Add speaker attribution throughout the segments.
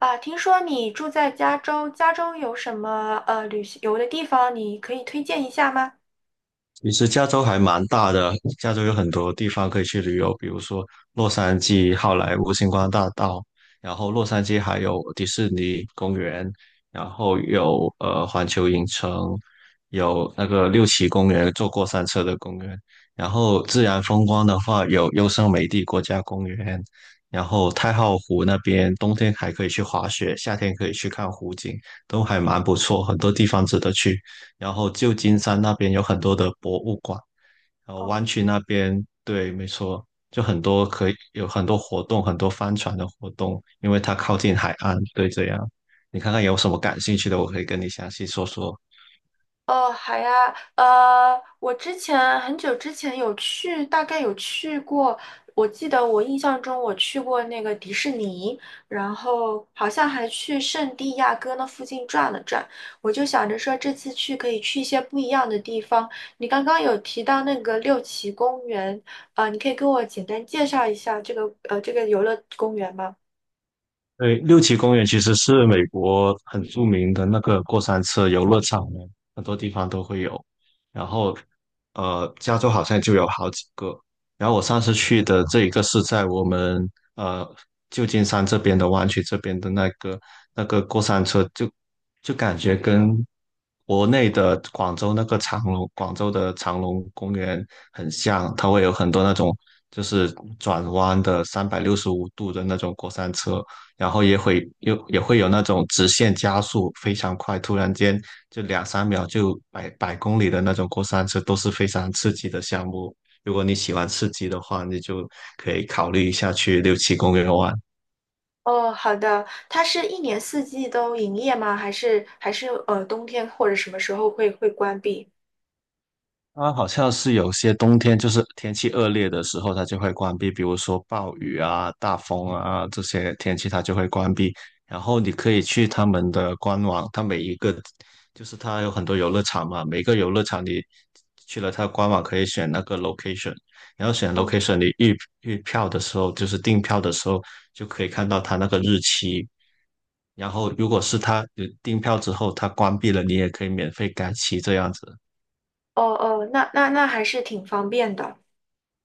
Speaker 1: 啊，听说你住在加州，加州有什么旅游的地方，你可以推荐一下吗？
Speaker 2: 其实加州还蛮大的，加州有很多地方可以去旅游，比如说洛杉矶、好莱坞星光大道，然后洛杉矶还有迪士尼公园，然后有环球影城，有那个六旗公园，坐过山车的公园，然后自然风光的话有优胜美地国家公园，然后太浩湖那边冬天还可以去滑雪，夏天可以去看湖景，都还蛮不错，很多地方值得去。然后旧金山那边有很多的博物馆，然后
Speaker 1: 哦。
Speaker 2: 湾区那边，对，没错，就很多有很多活动，很多帆船的活动，因为它靠近海岸，对，这样。你看看有什么感兴趣的，我可以跟你详细说说。
Speaker 1: 哦，好呀，我之前很久之前有去，大概有去过，我记得我印象中我去过那个迪士尼，然后好像还去圣地亚哥那附近转了转。我就想着说这次去可以去一些不一样的地方。你刚刚有提到那个六旗公园，呃，你可以跟我简单介绍一下这个游乐公园吗？
Speaker 2: 对，六旗公园其实是美国很著名的那个过山车游乐场呢，很多地方都会有。然后，加州好像就有好几个。然后我上次去的这一个是在我们呃旧金山这边的湾区这边的那个过山车就，就感觉跟国内的广州那个长隆广州的长隆公园很像，它会有很多那种就是转弯的365度的那种过山车。然后也会有那种直线加速非常快，突然间就两三秒就百公里的那种过山车，都是非常刺激的项目。如果你喜欢刺激的话，你就可以考虑一下去六七公园玩。
Speaker 1: 哦，好的。它是一年四季都营业吗？还是冬天或者什么时候会关闭？
Speaker 2: 它好像是有些冬天就是天气恶劣的时候，它就会关闭，比如说暴雨啊、大风啊这些天气，它就会关闭。然后你可以去他们的官网，它每一个就是它有很多游乐场嘛，每个游乐场你去了它官网可以选那个 location，然后选
Speaker 1: 嗯。
Speaker 2: location，你预票的时候就是订票的时候就可以看到它那个日期。然后如果是它订票之后它关闭了，你也可以免费改期这样子。
Speaker 1: 哦哦，那还是挺方便的。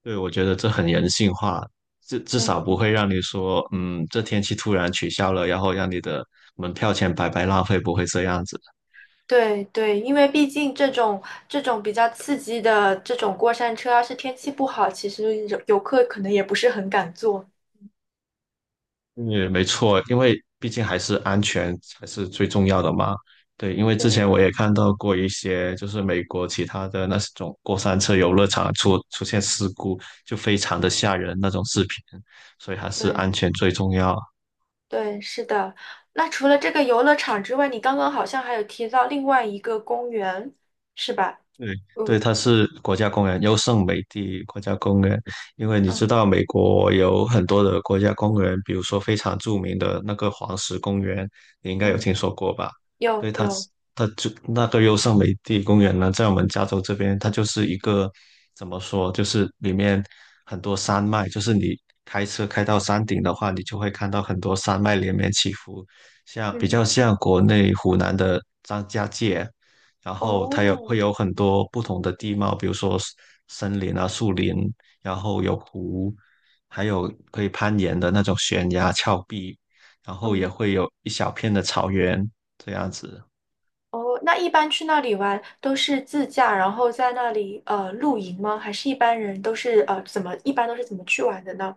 Speaker 2: 对，我觉得这很人性化，至
Speaker 1: 嗯
Speaker 2: 少不
Speaker 1: 嗯。
Speaker 2: 会让你说，嗯，这天气突然取消了，然后让你的门票钱白白浪费，不会这样子。
Speaker 1: 对对，因为毕竟这种比较刺激的这种过山车，要是天气不好，其实游客可能也不是很敢坐。
Speaker 2: 嗯，没错，因为毕竟还是安全才是最重要的嘛。对，因为之
Speaker 1: 对。
Speaker 2: 前我也看到过一些，就是美国其他的那种过山车游乐场出现事故，就非常的吓人那种视频，所以还是
Speaker 1: 对，
Speaker 2: 安全最重要。
Speaker 1: 对，是的。那除了这个游乐场之外，你刚刚好像还有提到另外一个公园，是吧？
Speaker 2: 对，对，
Speaker 1: 嗯。
Speaker 2: 它是国家公园，优胜美地国家公园。因为你知
Speaker 1: 嗯
Speaker 2: 道，美国有很多的国家公园，比如说非常著名的那个黄石公园，你应该有
Speaker 1: 嗯，
Speaker 2: 听说过吧？
Speaker 1: 有
Speaker 2: 对，
Speaker 1: 有。
Speaker 2: 它就那个优胜美地公园呢，在我们加州这边，它就是一个怎么说，就是里面很多山脉，就是你开车开到山顶的话，你就会看到很多山脉连绵起伏，像比
Speaker 1: 嗯。
Speaker 2: 较像国内湖南的。别然后它
Speaker 1: 哦。
Speaker 2: 会有很多不同的地貌，比如说 森林啊、树林，然后有湖，还有可以攀岩的那种悬崖峭壁，然后也
Speaker 1: 嗯。
Speaker 2: 会有一小片的草原这样子。
Speaker 1: 哦，那一般去那里玩都是自驾，然后在那里露营吗？还是一般人都是呃怎么一般都是怎么去玩的呢？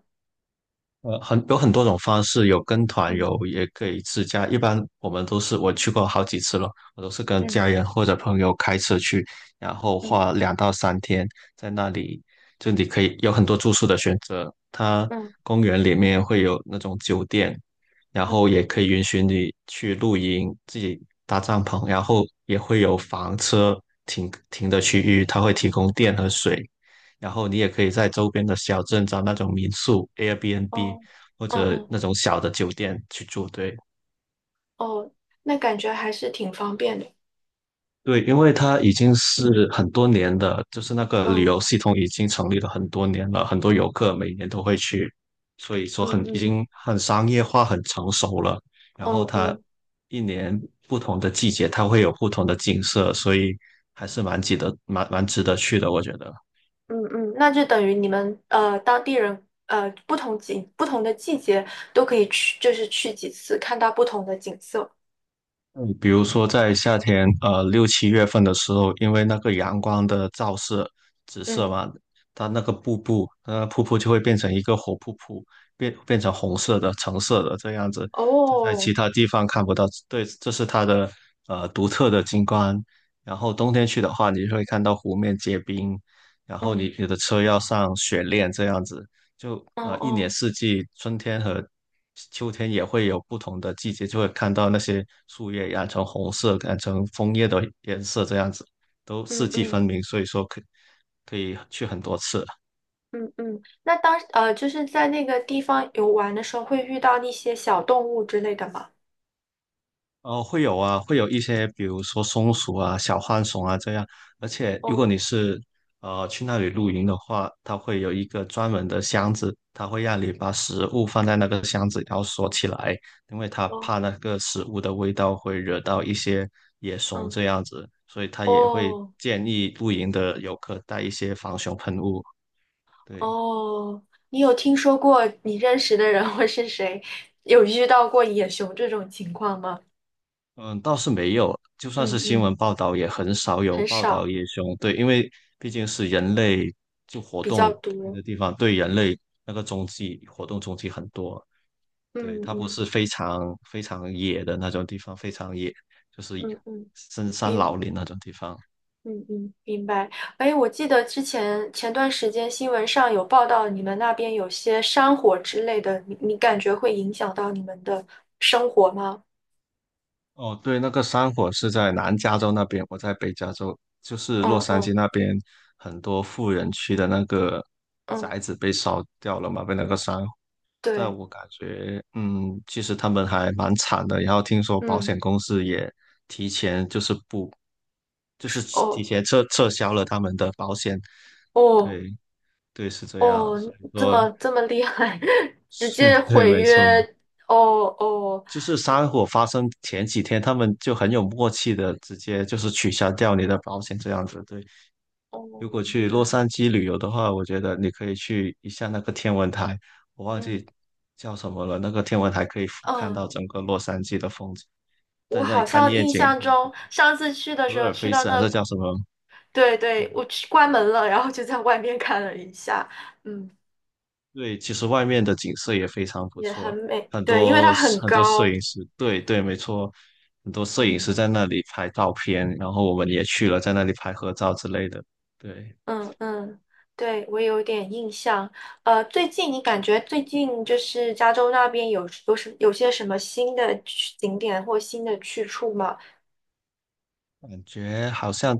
Speaker 2: 有很多种方式，有跟团
Speaker 1: 嗯
Speaker 2: 游，也可以自驾。一般我们都是我去过好几次了，我都是跟
Speaker 1: 嗯
Speaker 2: 家人或者朋友开车去，然后
Speaker 1: 嗯
Speaker 2: 花2到3天在那里，就你可以有很多住宿的选择。它
Speaker 1: 嗯
Speaker 2: 公园里面会有那种酒店，然
Speaker 1: 嗯，
Speaker 2: 后也可以允许你去露营，自己搭帐篷，然后也会有房车停的区域，它会提供电和水，然后你也可以在周边的小镇找那种民宿、Airbnb
Speaker 1: 哦。
Speaker 2: 或
Speaker 1: 嗯
Speaker 2: 者
Speaker 1: 嗯。
Speaker 2: 那种小的酒店去住。对，
Speaker 1: 哦，那感觉还是挺方便的。
Speaker 2: 对，因为它已经是很多年的，就是那个旅
Speaker 1: 嗯
Speaker 2: 游系统已经成立了很多年了，很多游客每年都会去，所以说
Speaker 1: 嗯
Speaker 2: 已
Speaker 1: 嗯
Speaker 2: 经很商业化、很成熟了。然后
Speaker 1: 嗯
Speaker 2: 它
Speaker 1: 嗯
Speaker 2: 一年不同的季节，它会有不同的景色，所以还是蛮值得去的，我觉得。
Speaker 1: 嗯，那就等于你们当地人不同的季节都可以去，就是去几次，看到不同的景色。
Speaker 2: 嗯，比如说在夏天，六七月份的时候，因为那个阳光的直射
Speaker 1: 嗯。
Speaker 2: 嘛，它那个瀑布就会变成一个火瀑布，变成红色的、橙色的这样子，这在
Speaker 1: 哦。
Speaker 2: 其他地方看不到。对，这是它的独特的景观。然后冬天去的话，你会看到湖面结冰，然后
Speaker 1: 嗯。
Speaker 2: 你的车要上雪链这样子。就
Speaker 1: 哦
Speaker 2: 一年
Speaker 1: 哦。
Speaker 2: 四季，春天和秋天也会有不同的季节，就会看到那些树叶染成红色，染成枫叶的颜色，这样子都
Speaker 1: 嗯
Speaker 2: 四季
Speaker 1: 嗯
Speaker 2: 分明，所以说可以去很多次。
Speaker 1: 嗯嗯，那，就是在那个地方游玩的时候，会遇到那些小动物之类的吗？
Speaker 2: 哦，会有啊，会有一些，比如说松鼠啊、小浣熊啊这样。而且，如果
Speaker 1: 哦
Speaker 2: 你是去那里露营的话，它会有一个专门的箱子，它会让你把食物放在那个箱子，然后锁起来，因为它怕
Speaker 1: 哦。
Speaker 2: 那个食物的味道会惹到一些野熊
Speaker 1: 嗯。
Speaker 2: 这样子，所以它也会
Speaker 1: 哦
Speaker 2: 建议露营的游客带一些防熊喷雾。对。
Speaker 1: 哦，你有听说过你认识的人或是谁有遇到过野熊这种情况吗？
Speaker 2: 嗯，倒是没有，就算是
Speaker 1: 嗯
Speaker 2: 新
Speaker 1: 嗯，
Speaker 2: 闻报道，也很少有
Speaker 1: 很
Speaker 2: 报道
Speaker 1: 少。
Speaker 2: 野熊。对，因为毕竟是人类就活
Speaker 1: 比
Speaker 2: 动
Speaker 1: 较
Speaker 2: 开
Speaker 1: 多。
Speaker 2: 的地方，对人类那个踪迹活动踪迹很多。对，
Speaker 1: 嗯
Speaker 2: 它不
Speaker 1: 嗯
Speaker 2: 是非常野的那种地方，非常野就是
Speaker 1: 嗯嗯。
Speaker 2: 深山老
Speaker 1: 明
Speaker 2: 林那种地方。
Speaker 1: 嗯，明白。哎，我记得之前前段时间新闻上有报道，你们那边有些山火之类的，你感觉会影响到你们的生活吗？
Speaker 2: 哦，对，那个山火是在南加州那边，我在北加州，就是洛
Speaker 1: 嗯
Speaker 2: 杉矶
Speaker 1: 嗯。
Speaker 2: 那边很多富人区的那个
Speaker 1: 嗯，
Speaker 2: 宅子被烧掉了嘛，被那个山，但
Speaker 1: 对。
Speaker 2: 我感觉，嗯，其实他们还蛮惨的。然后听说保
Speaker 1: 嗯。
Speaker 2: 险公司也提前就是不，就是提
Speaker 1: 哦
Speaker 2: 前撤销了他们的保险。
Speaker 1: 哦
Speaker 2: 对对，是这样。
Speaker 1: 哦，
Speaker 2: 所以
Speaker 1: 这
Speaker 2: 说，
Speaker 1: 么这么厉害，直
Speaker 2: 是
Speaker 1: 接
Speaker 2: 对，
Speaker 1: 毁
Speaker 2: 没错。
Speaker 1: 约。哦哦
Speaker 2: 就是山火发生前几天，他们就很有默契的直接就是取消掉你的保险这样子。对，
Speaker 1: 哦，
Speaker 2: 如果去
Speaker 1: 原
Speaker 2: 洛
Speaker 1: 来。
Speaker 2: 杉矶旅游的话，我觉得你可以去一下那个天文台，我忘
Speaker 1: 嗯
Speaker 2: 记叫什么了。那个天文台可以俯瞰
Speaker 1: 嗯，
Speaker 2: 到整个洛杉矶的风景，在
Speaker 1: 我
Speaker 2: 那里
Speaker 1: 好
Speaker 2: 看
Speaker 1: 像
Speaker 2: 夜
Speaker 1: 印
Speaker 2: 景，
Speaker 1: 象中上次去的
Speaker 2: 普
Speaker 1: 时候
Speaker 2: 尔
Speaker 1: 去
Speaker 2: 菲
Speaker 1: 到
Speaker 2: 斯还
Speaker 1: 那。
Speaker 2: 是叫什么？
Speaker 1: 对
Speaker 2: 对
Speaker 1: 对，我去关门了，然后就在外面看了一下。嗯。
Speaker 2: 对，其实外面的景色也非常不
Speaker 1: 也很
Speaker 2: 错，
Speaker 1: 美，
Speaker 2: 很
Speaker 1: 对，因为
Speaker 2: 多
Speaker 1: 它很
Speaker 2: 很多摄
Speaker 1: 高。
Speaker 2: 影师，对对，没错，很多摄影师
Speaker 1: 嗯。
Speaker 2: 在那里拍照片，然后我们也去了，在那里拍合照之类的。对，
Speaker 1: 嗯嗯，对，我有点印象。呃，最近你感觉最近就是加州那边有些什么新的景点或新的去处吗？
Speaker 2: 感觉好像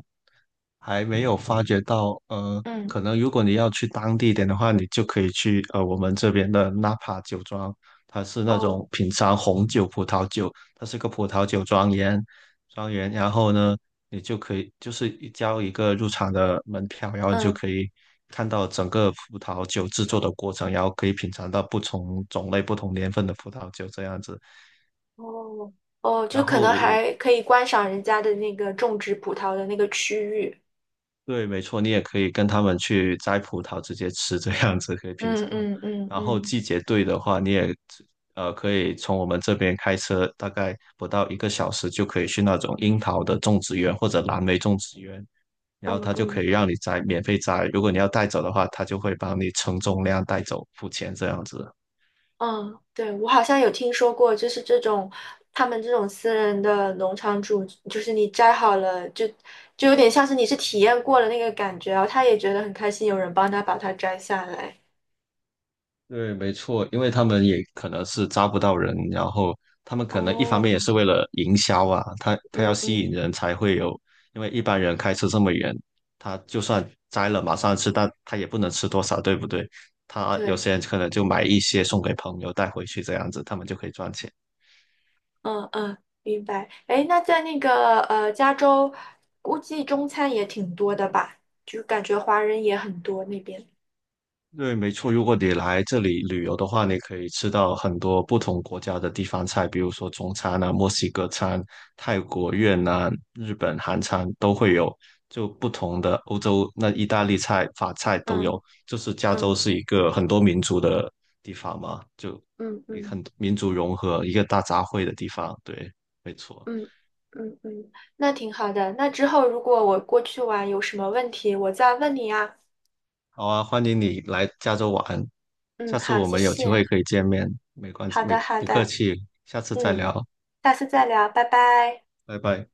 Speaker 2: 还没有发觉到，
Speaker 1: 嗯。
Speaker 2: 可能如果你要去当地一点的话，你就可以去我们这边的纳帕酒庄，它是那
Speaker 1: 哦。
Speaker 2: 种品尝红酒、葡萄酒，它是个葡萄酒庄园，庄园，然后呢，你就可以就是一个入场的门票，然后你就
Speaker 1: 嗯。
Speaker 2: 可以看到整个葡萄酒制作的过程，然后可以品尝到不同种类、不同年份的葡萄酒这样子。
Speaker 1: 哦哦，
Speaker 2: 然
Speaker 1: 就可能
Speaker 2: 后
Speaker 1: 还可以观赏人家的那个种植葡萄的那个区域。
Speaker 2: 对，没错，你也可以跟他们去摘葡萄直接吃，这样子可以品
Speaker 1: 嗯
Speaker 2: 尝。
Speaker 1: 嗯嗯
Speaker 2: 然后
Speaker 1: 嗯，
Speaker 2: 季节对的话，你也可以从我们这边开车，大概不到一个小时就可以去那种樱桃的种植园或者蓝莓种植园，然
Speaker 1: 嗯
Speaker 2: 后他就可
Speaker 1: 嗯。
Speaker 2: 以让你摘，免费摘。如果你要带走的话，他就会帮你称重量带走，付钱这样子。
Speaker 1: 嗯，对，我好像有听说过，就是这种他们这种私人的农场主，就是你摘好了，就有点像是你是体验过了那个感觉，然后他也觉得很开心，有人帮他把它摘下来。
Speaker 2: 对，没错，因为他们也可能是招不到人，然后他们可能一方面也
Speaker 1: 哦。
Speaker 2: 是为了营销啊，他要
Speaker 1: 嗯
Speaker 2: 吸
Speaker 1: 嗯。
Speaker 2: 引人才会有，因为一般人开车这么远，他就算摘了马上吃，但他也不能吃多少，对不对？他有
Speaker 1: 对。
Speaker 2: 些人可能就买一些送给朋友带回去这样子，他们就可以赚钱。
Speaker 1: 嗯嗯，明白。哎，那在那个加州，估计中餐也挺多的吧，就感觉华人也很多那边。
Speaker 2: 对，没错。如果你来这里旅游的话，你可以吃到很多不同国家的地方菜，比如说中餐啊、墨西哥餐、泰国、越南、日本、韩餐都会有，就不同的欧洲那意大利菜、法菜都
Speaker 1: 嗯
Speaker 2: 有。就是加州
Speaker 1: 嗯
Speaker 2: 是一个很多民族的地方嘛，
Speaker 1: 嗯嗯。
Speaker 2: 很民族融合，一个大杂烩的地方。对，没错。
Speaker 1: 嗯嗯，那挺好的。那之后如果我过去玩有什么问题，我再问你啊。
Speaker 2: 好啊，欢迎你来加州玩，
Speaker 1: 嗯，
Speaker 2: 下次
Speaker 1: 好，
Speaker 2: 我
Speaker 1: 谢
Speaker 2: 们有机
Speaker 1: 谢。
Speaker 2: 会可以见面，没关系，
Speaker 1: 好
Speaker 2: 没
Speaker 1: 的，好
Speaker 2: 不客
Speaker 1: 的。
Speaker 2: 气，下次再
Speaker 1: 嗯，
Speaker 2: 聊，
Speaker 1: 下次再聊，拜拜。
Speaker 2: 拜拜。